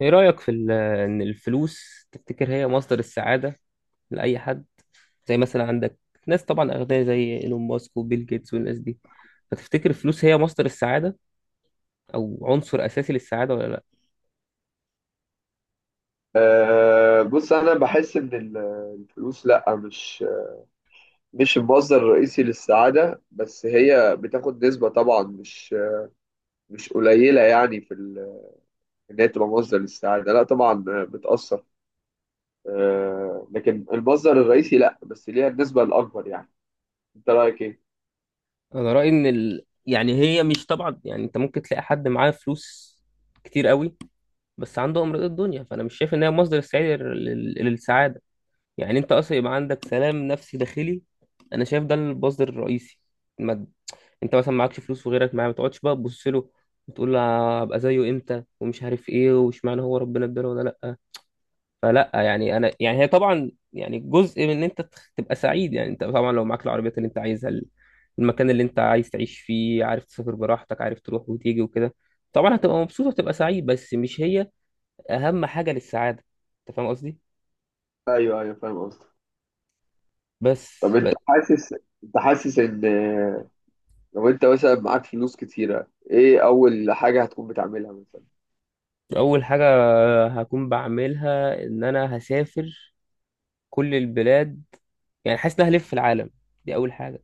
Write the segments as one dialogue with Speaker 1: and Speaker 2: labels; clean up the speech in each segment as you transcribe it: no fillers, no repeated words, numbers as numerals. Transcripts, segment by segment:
Speaker 1: ايه رأيك ان الفلوس تفتكر هي مصدر السعادة لأي حد؟ زي مثلا عندك ناس طبعا أغنياء زي ايلون ماسك وبيل جيتس والناس دي، فتفتكر الفلوس هي مصدر السعادة او عنصر أساسي للسعادة ولا لا؟
Speaker 2: بص انا بحس ان الفلوس لا مش المصدر الرئيسي للسعاده، بس هي بتاخد نسبه طبعا مش قليله، يعني ان هي تبقى مصدر للسعاده لا طبعا، بتاثر. لكن المصدر الرئيسي لا، بس ليها النسبه الاكبر يعني. انت رايك ايه؟
Speaker 1: انا رأيي يعني هي مش طبعا، يعني انت ممكن تلاقي حد معاه فلوس كتير قوي، بس عنده امراض الدنيا، فانا مش شايف ان هي مصدر السعادة للسعادة. يعني انت اصلا يبقى عندك سلام نفسي داخلي، انا شايف ده المصدر الرئيسي. ما انت مثلا معكش فلوس وغيرك معاه، ما تقعدش بقى تبص له وتقول له ابقى زيه امتى ومش عارف ايه واشمعنى هو ربنا اداله ولا لا. فلا يعني انا يعني هي طبعا يعني جزء من ان انت تبقى سعيد، يعني انت طبعا لو معاك العربيات اللي انت عايزها، المكان اللي انت عايز تعيش فيه، عارف تسافر براحتك، عارف تروح وتيجي وكده، طبعا هتبقى مبسوط وتبقى سعيد، بس مش هي اهم حاجة للسعادة. انت فاهم قصدي؟
Speaker 2: ايوه ايوه، فاهم قصدك.
Speaker 1: بس,
Speaker 2: طب انت
Speaker 1: بس
Speaker 2: حاسس، انت حاسس ان لو انت مثلا معاك فلوس كتيره ايه اول حاجه هتكون بتعملها مثلا؟
Speaker 1: اول حاجة هكون بعملها ان انا هسافر كل البلاد. يعني حاسس ان أنا هلف في العالم، دي اول حاجه.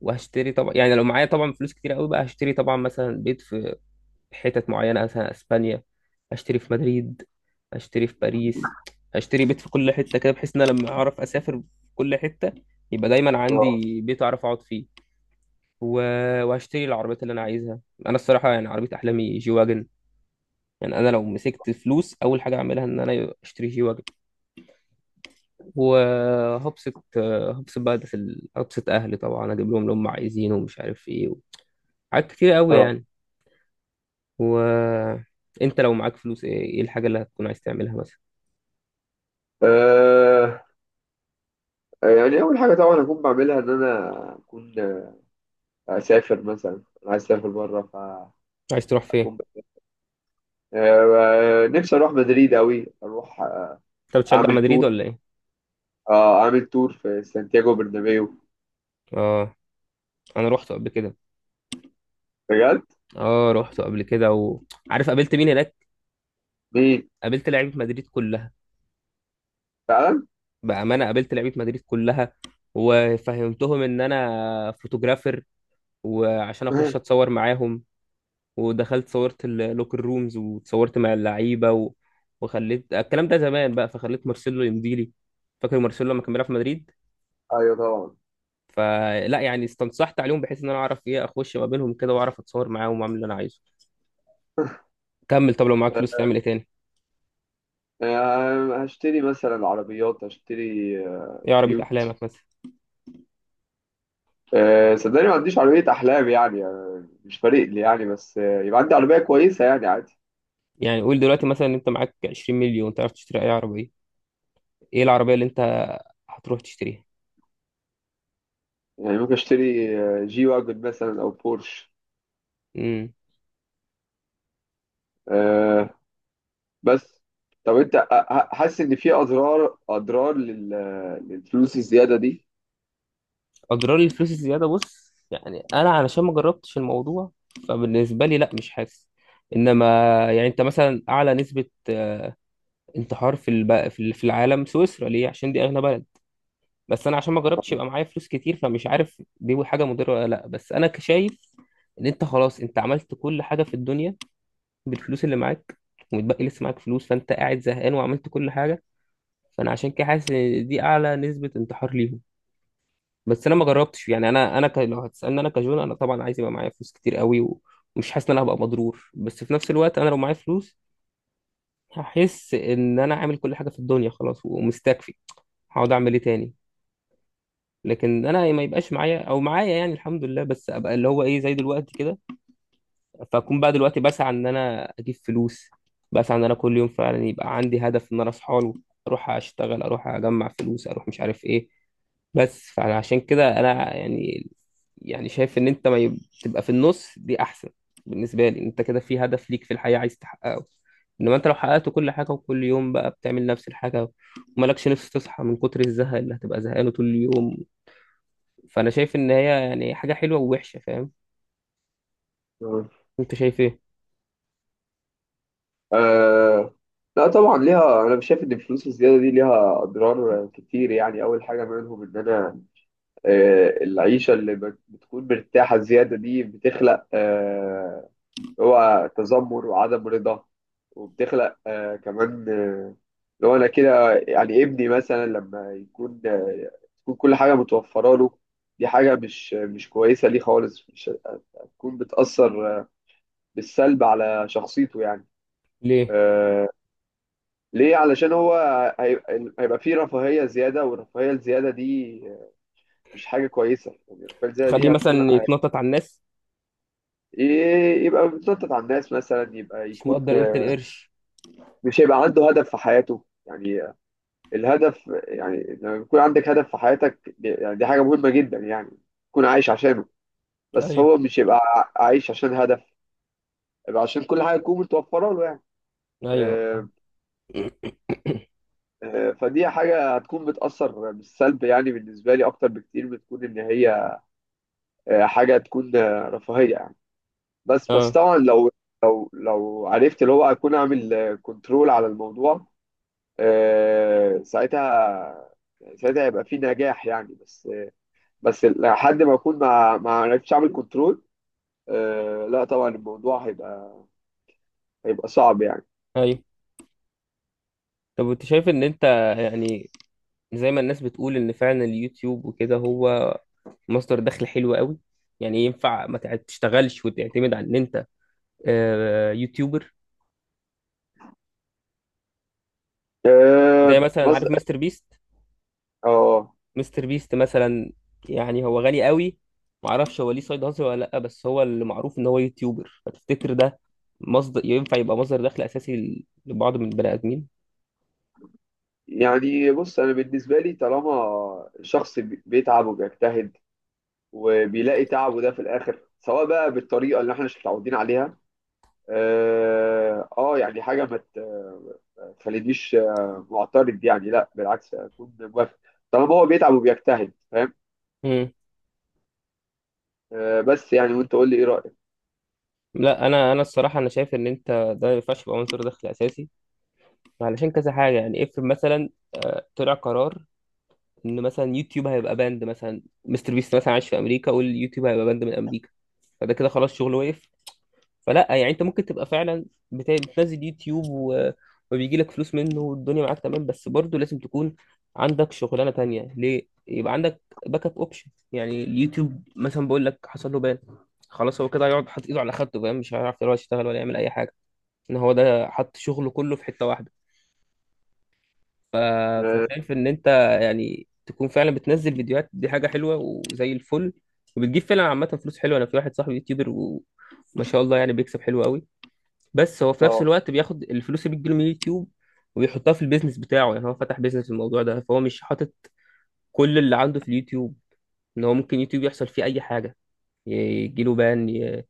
Speaker 1: وهشتري طبعا، يعني لو معايا طبعا فلوس كتير قوي بقى، هشتري طبعا مثلا بيت في حتت معينه، مثلا اسبانيا، هشتري في مدريد، هشتري في باريس، هشتري بيت في كل حته كده، بحيث ان انا لما اعرف اسافر في كل حته يبقى دايما
Speaker 2: اه
Speaker 1: عندي بيت اعرف اقعد فيه. و... وهشتري العربيات اللي انا عايزها. انا الصراحه يعني عربيه احلامي جي واجن. يعني انا لو مسكت فلوس اول حاجه اعملها ان انا اشتري جي واجن، وهبسط. هبسط بقى ده في ال- هبسط اهلي طبعا، اجيب لهم اللي هم عايزينه ومش عارف ايه، حاجات كتير قوي يعني. وانت لو معاك فلوس إيه الحاجه اللي هتكون عايز تعملها مثلا؟
Speaker 2: اه يعني أول حاجة طبعا أكون بعملها إن أنا أكون أسافر مثلا. أنا عايز أسافر بره.
Speaker 1: عايز تروح فين؟
Speaker 2: فأكون، نفسي أروح مدريد أوي. أروح
Speaker 1: انت بتشجع
Speaker 2: أعمل
Speaker 1: مدريد
Speaker 2: تور،
Speaker 1: ولا ايه؟
Speaker 2: أعمل تور في سانتياغو برنابيو.
Speaker 1: اه، انا رحت قبل كده.
Speaker 2: بجد؟
Speaker 1: اه، رحت قبل كده، وعارف قابلت مين هناك؟
Speaker 2: مين؟
Speaker 1: قابلت لعيبه مدريد كلها.
Speaker 2: فعلا؟
Speaker 1: بامانه، قابلت لعيبه مدريد كلها، وفهمتهم ان انا فوتوغرافر، وعشان اخش اتصور معاهم. ودخلت صورت اللوكر رومز وتصورت مع اللعيبه، وخليت الكلام ده زمان بقى، فخليت مارسيلو يمضي لي. فاكر مارسيلو لما كان بيلعب في مدريد؟
Speaker 2: أيوه طبعا.
Speaker 1: فلا يعني، استنصحت عليهم بحيث ان انا اعرف ايه اخش ما بينهم كده واعرف اتصور معاهم واعمل اللي انا عايزه. كمل. طب لو معاك فلوس تعمل ايه تاني؟
Speaker 2: هشتري مثلا عربيات، هشتري
Speaker 1: ايه عربيه
Speaker 2: بيوت.
Speaker 1: احلامك مثلا؟
Speaker 2: صدقني ما عنديش عربية أحلام يعني، مش فارق لي يعني، بس يبقى عندي عربية كويسة يعني عادي.
Speaker 1: يعني قول دلوقتي مثلا، انت معاك 20 مليون تعرف تشتري اي عربيه، ايه العربيه اللي انت هتروح تشتريها؟
Speaker 2: يعني ممكن أشتري جي واجن مثلا أو بورش.
Speaker 1: امم
Speaker 2: آه. بس طب انت حاسس ان في اضرار، للفلوس الزياده دي؟
Speaker 1: اجرار الفلوس الزياده؟ بص يعني انا علشان ما جربتش الموضوع، فبالنسبه لي لا، مش حاسس. انما يعني، انت مثلا اعلى نسبه انتحار في الب... في في العالم سويسرا، ليه؟ عشان دي اغنى بلد. بس انا عشان ما جربتش يبقى معايا فلوس كتير، فمش عارف دي حاجه مضره ولا لا. بس انا شايف ان انت خلاص انت عملت كل حاجه في الدنيا بالفلوس اللي معاك، ومتبقي لسه معاك فلوس، فانت قاعد زهقان وعملت كل حاجه. فانا عشان كده حاسس ان دي اعلى نسبه انتحار ليهم. بس انا ما جربتش. يعني لو هتسالني انا كجون، انا طبعا عايز يبقى معايا فلوس كتير قوي، ومش حاسس ان انا هبقى مضرور، بس في نفس الوقت انا لو معايا فلوس هحس ان انا عامل كل حاجه في الدنيا، خلاص ومستكفي، هقعد اعمل ايه تاني؟ لكن انا ما يبقاش معايا، او معايا يعني الحمد لله، بس ابقى اللي هو ايه، زي دلوقتي كده. فاكون بقى دلوقتي بسعى ان انا اجيب فلوس، بسعى ان انا كل يوم فعلا يبقى عندي هدف ان انا اصحى له، اروح اشتغل، اروح اجمع فلوس، اروح مش عارف ايه. بس فعشان كده انا يعني، شايف ان انت ما يب- تبقى في النص دي احسن. بالنسبه لي انت كده في هدف ليك في الحياه عايز تحققه، انما انت لو حققت كل حاجه وكل يوم بقى بتعمل نفس الحاجه، ومالكش نفس تصحى من كتر الزهق اللي هتبقى زهقانه طول اليوم. فانا شايف ان هي يعني حاجه حلوه ووحشه. فاهم؟
Speaker 2: مم.
Speaker 1: انت شايف ايه؟
Speaker 2: آه لا طبعا ليها، انا مش شايف ان الفلوس الزياده دي ليها اضرار كتير. يعني اول حاجه منهم ان انا، آه العيشه اللي بتكون مرتاحه زياده دي بتخلق آه هو تذمر وعدم رضا، وبتخلق آه كمان، اللي هو انا كده يعني ابني مثلا لما يكون تكون كل حاجه متوفره له، دي حاجه مش كويسه ليه خالص. مش هتكون بتاثر بالسلب على شخصيته يعني.
Speaker 1: ليه؟
Speaker 2: آه ليه؟ علشان هو هيبقى فيه رفاهيه زياده، والرفاهيه الزياده دي مش حاجه كويسه، يعني الرفاهيه الزياده
Speaker 1: تخليه
Speaker 2: دي هتكون
Speaker 1: مثلا يتنطط على الناس؟
Speaker 2: يبقى بيتنطط على الناس مثلا، يبقى
Speaker 1: مش
Speaker 2: يكون
Speaker 1: مقدر قيمه القرش؟
Speaker 2: مش هيبقى عنده هدف في حياته يعني. الهدف، يعني لما بيكون عندك هدف في حياتك يعني دي حاجة مهمة جدا يعني، تكون عايش عشانه. بس
Speaker 1: ايوه،
Speaker 2: هو مش يبقى عايش عشان هدف، يبقى عشان كل حاجة تكون متوفرة له يعني.
Speaker 1: ايوه، فاهم.
Speaker 2: آه، فدي حاجة هتكون بتأثر بالسلب، يعني بالنسبة لي أكتر بكتير من تكون إن هي حاجة تكون رفاهية يعني. بس
Speaker 1: اه،
Speaker 2: طبعا لو لو عرفت اللي هو أكون أعمل كنترول على الموضوع، آه، ساعتها ساعتها هيبقى في نجاح يعني. بس لحد ما اكون ما عرفتش اعمل كنترول، لا طبعا الموضوع هيبقى صعب يعني.
Speaker 1: ايوه. طب انت شايف ان انت يعني، زي ما الناس بتقول ان فعلا اليوتيوب وكده هو مصدر دخل حلو قوي، يعني ينفع ما تشتغلش وتعتمد على ان انت يوتيوبر؟ زي
Speaker 2: آه
Speaker 1: مثلا
Speaker 2: بص
Speaker 1: عارف مستر بيست.
Speaker 2: اه
Speaker 1: مستر بيست مثلا، يعني هو غني قوي، معرفش هو ليه سايد هاسل ولا لا، بس هو اللي معروف ان هو يوتيوبر. فتفتكر ده مصدر، ينفع يبقى مصدر دخل اساسي لبعض من البني ادمين؟
Speaker 2: يعني بص، انا بالنسبه لي طالما شخص بيتعب وبيجتهد، وبيلاقي تعبه ده في الاخر، سواء بقى بالطريقه اللي احنا مش متعودين عليها، يعني حاجه ما تخلينيش معترض يعني، لا بالعكس اكون موافق، طالما هو بيتعب وبيجتهد. فاهم؟
Speaker 1: مم.
Speaker 2: بس يعني وانت قول لي ايه رايك.
Speaker 1: لا، انا الصراحه انا شايف ان انت ده ما ينفعش يبقى مصدر دخل اساسي، علشان كذا حاجه. يعني افرض مثلا طلع قرار ان مثلا يوتيوب هيبقى باند، مثلا مستر بيست مثلا عايش في امريكا واليوتيوب هيبقى باند من امريكا، فده كده خلاص شغله وقف. فلا يعني، انت ممكن تبقى فعلا بتنزل يوتيوب، وبيجي لك فلوس منه والدنيا معاك تمام، بس برضه لازم تكون عندك شغلانه تانية. ليه؟ يبقى عندك باك اب اوبشن. يعني اليوتيوب مثلا بقول لك حصل له بان، خلاص هو كده هيقعد حاطط ايده على خدته، فاهم؟ مش هيعرف يروح يشتغل ولا يعمل اي حاجه، ان هو ده حط شغله كله في حته واحده. ف...
Speaker 2: اه
Speaker 1: فشايف ان انت يعني تكون فعلا بتنزل فيديوهات، دي حاجه حلوه وزي الفل، وبتجيب فعلا عامه فلوس حلوه. انا في واحد صاحبي يوتيوبر، وما شاء الله يعني بيكسب حلو قوي، بس هو في نفس
Speaker 2: آه.
Speaker 1: الوقت بياخد الفلوس اللي بتجيله من اليوتيوب وبيحطها في البيزنس بتاعه. يعني هو فتح بيزنس في الموضوع ده، فهو مش حاطط كل اللي عنده في اليوتيوب، ان هو ممكن يوتيوب يحصل فيه اي حاجه، يجيله بان،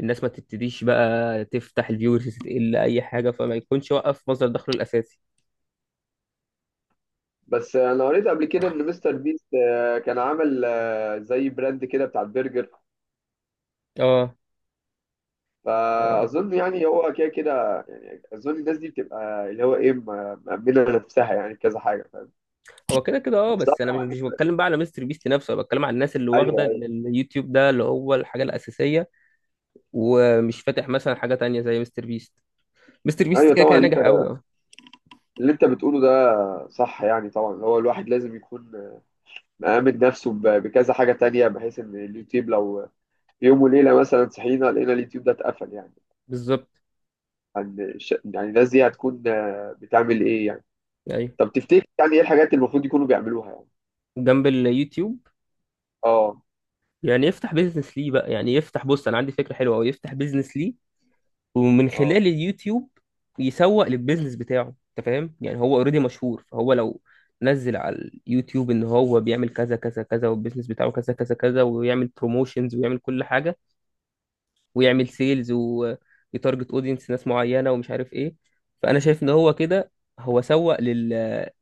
Speaker 1: الناس ما تبتديش بقى تفتح الفيورز تقل اي حاجه، فما يكونش وقف مصدر دخله الاساسي.
Speaker 2: بس انا قريت قبل كده ان مستر بيست كان عامل زي براند كده بتاع البرجر،
Speaker 1: اه،
Speaker 2: فاظن يعني هو كده كده، يعني اظن الناس دي بتبقى اللي هو ايه مأمنه نفسها يعني كذا حاجه.
Speaker 1: هو كده كده اه.
Speaker 2: بس
Speaker 1: بس انا مش
Speaker 2: طبعا.
Speaker 1: مش بتكلم بقى على مستر بيست نفسه، انا بتكلم على الناس اللي واخده
Speaker 2: ايوه ايوه.
Speaker 1: اليوتيوب ده اللي هو الحاجه الاساسيه، ومش فاتح مثلا حاجه تانية زي مستر بيست. مستر بيست
Speaker 2: ايوه
Speaker 1: كده
Speaker 2: طبعا،
Speaker 1: كده
Speaker 2: اللي انت
Speaker 1: ناجح قوي، اه.
Speaker 2: اللي انت بتقوله ده صح يعني. طبعا هو الواحد لازم يكون مأمن نفسه بكذا حاجه تانية، بحيث ان اليوتيوب لو في يوم وليله مثلا صحينا لقينا اليوتيوب ده اتقفل يعني،
Speaker 1: بالظبط.
Speaker 2: يعني الناس دي هتكون بتعمل ايه يعني.
Speaker 1: ايوه،
Speaker 2: طب تفتكر يعني ايه الحاجات اللي المفروض يكونوا بيعملوها يعني؟
Speaker 1: جنب اليوتيوب.
Speaker 2: اه
Speaker 1: يعني يفتح بيزنس ليه بقى، يعني بص انا عندي فكره حلوه قوي، يفتح بيزنس ليه ومن خلال
Speaker 2: اه
Speaker 1: اليوتيوب يسوق للبيزنس بتاعه. انت فاهم؟ يعني هو اوريدي مشهور، فهو لو نزل على اليوتيوب ان هو بيعمل كذا كذا كذا والبيزنس بتاعه كذا كذا كذا، ويعمل بروموشنز ويعمل كل حاجه، ويعمل سيلز ويتارجت اودينس ناس معينه ومش عارف ايه. فانا شايف ان هو كده هو سوق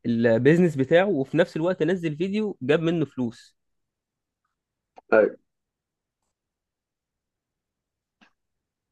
Speaker 1: للبيزنس بتاعه، وفي نفس الوقت نزل فيديو جاب منه فلوس.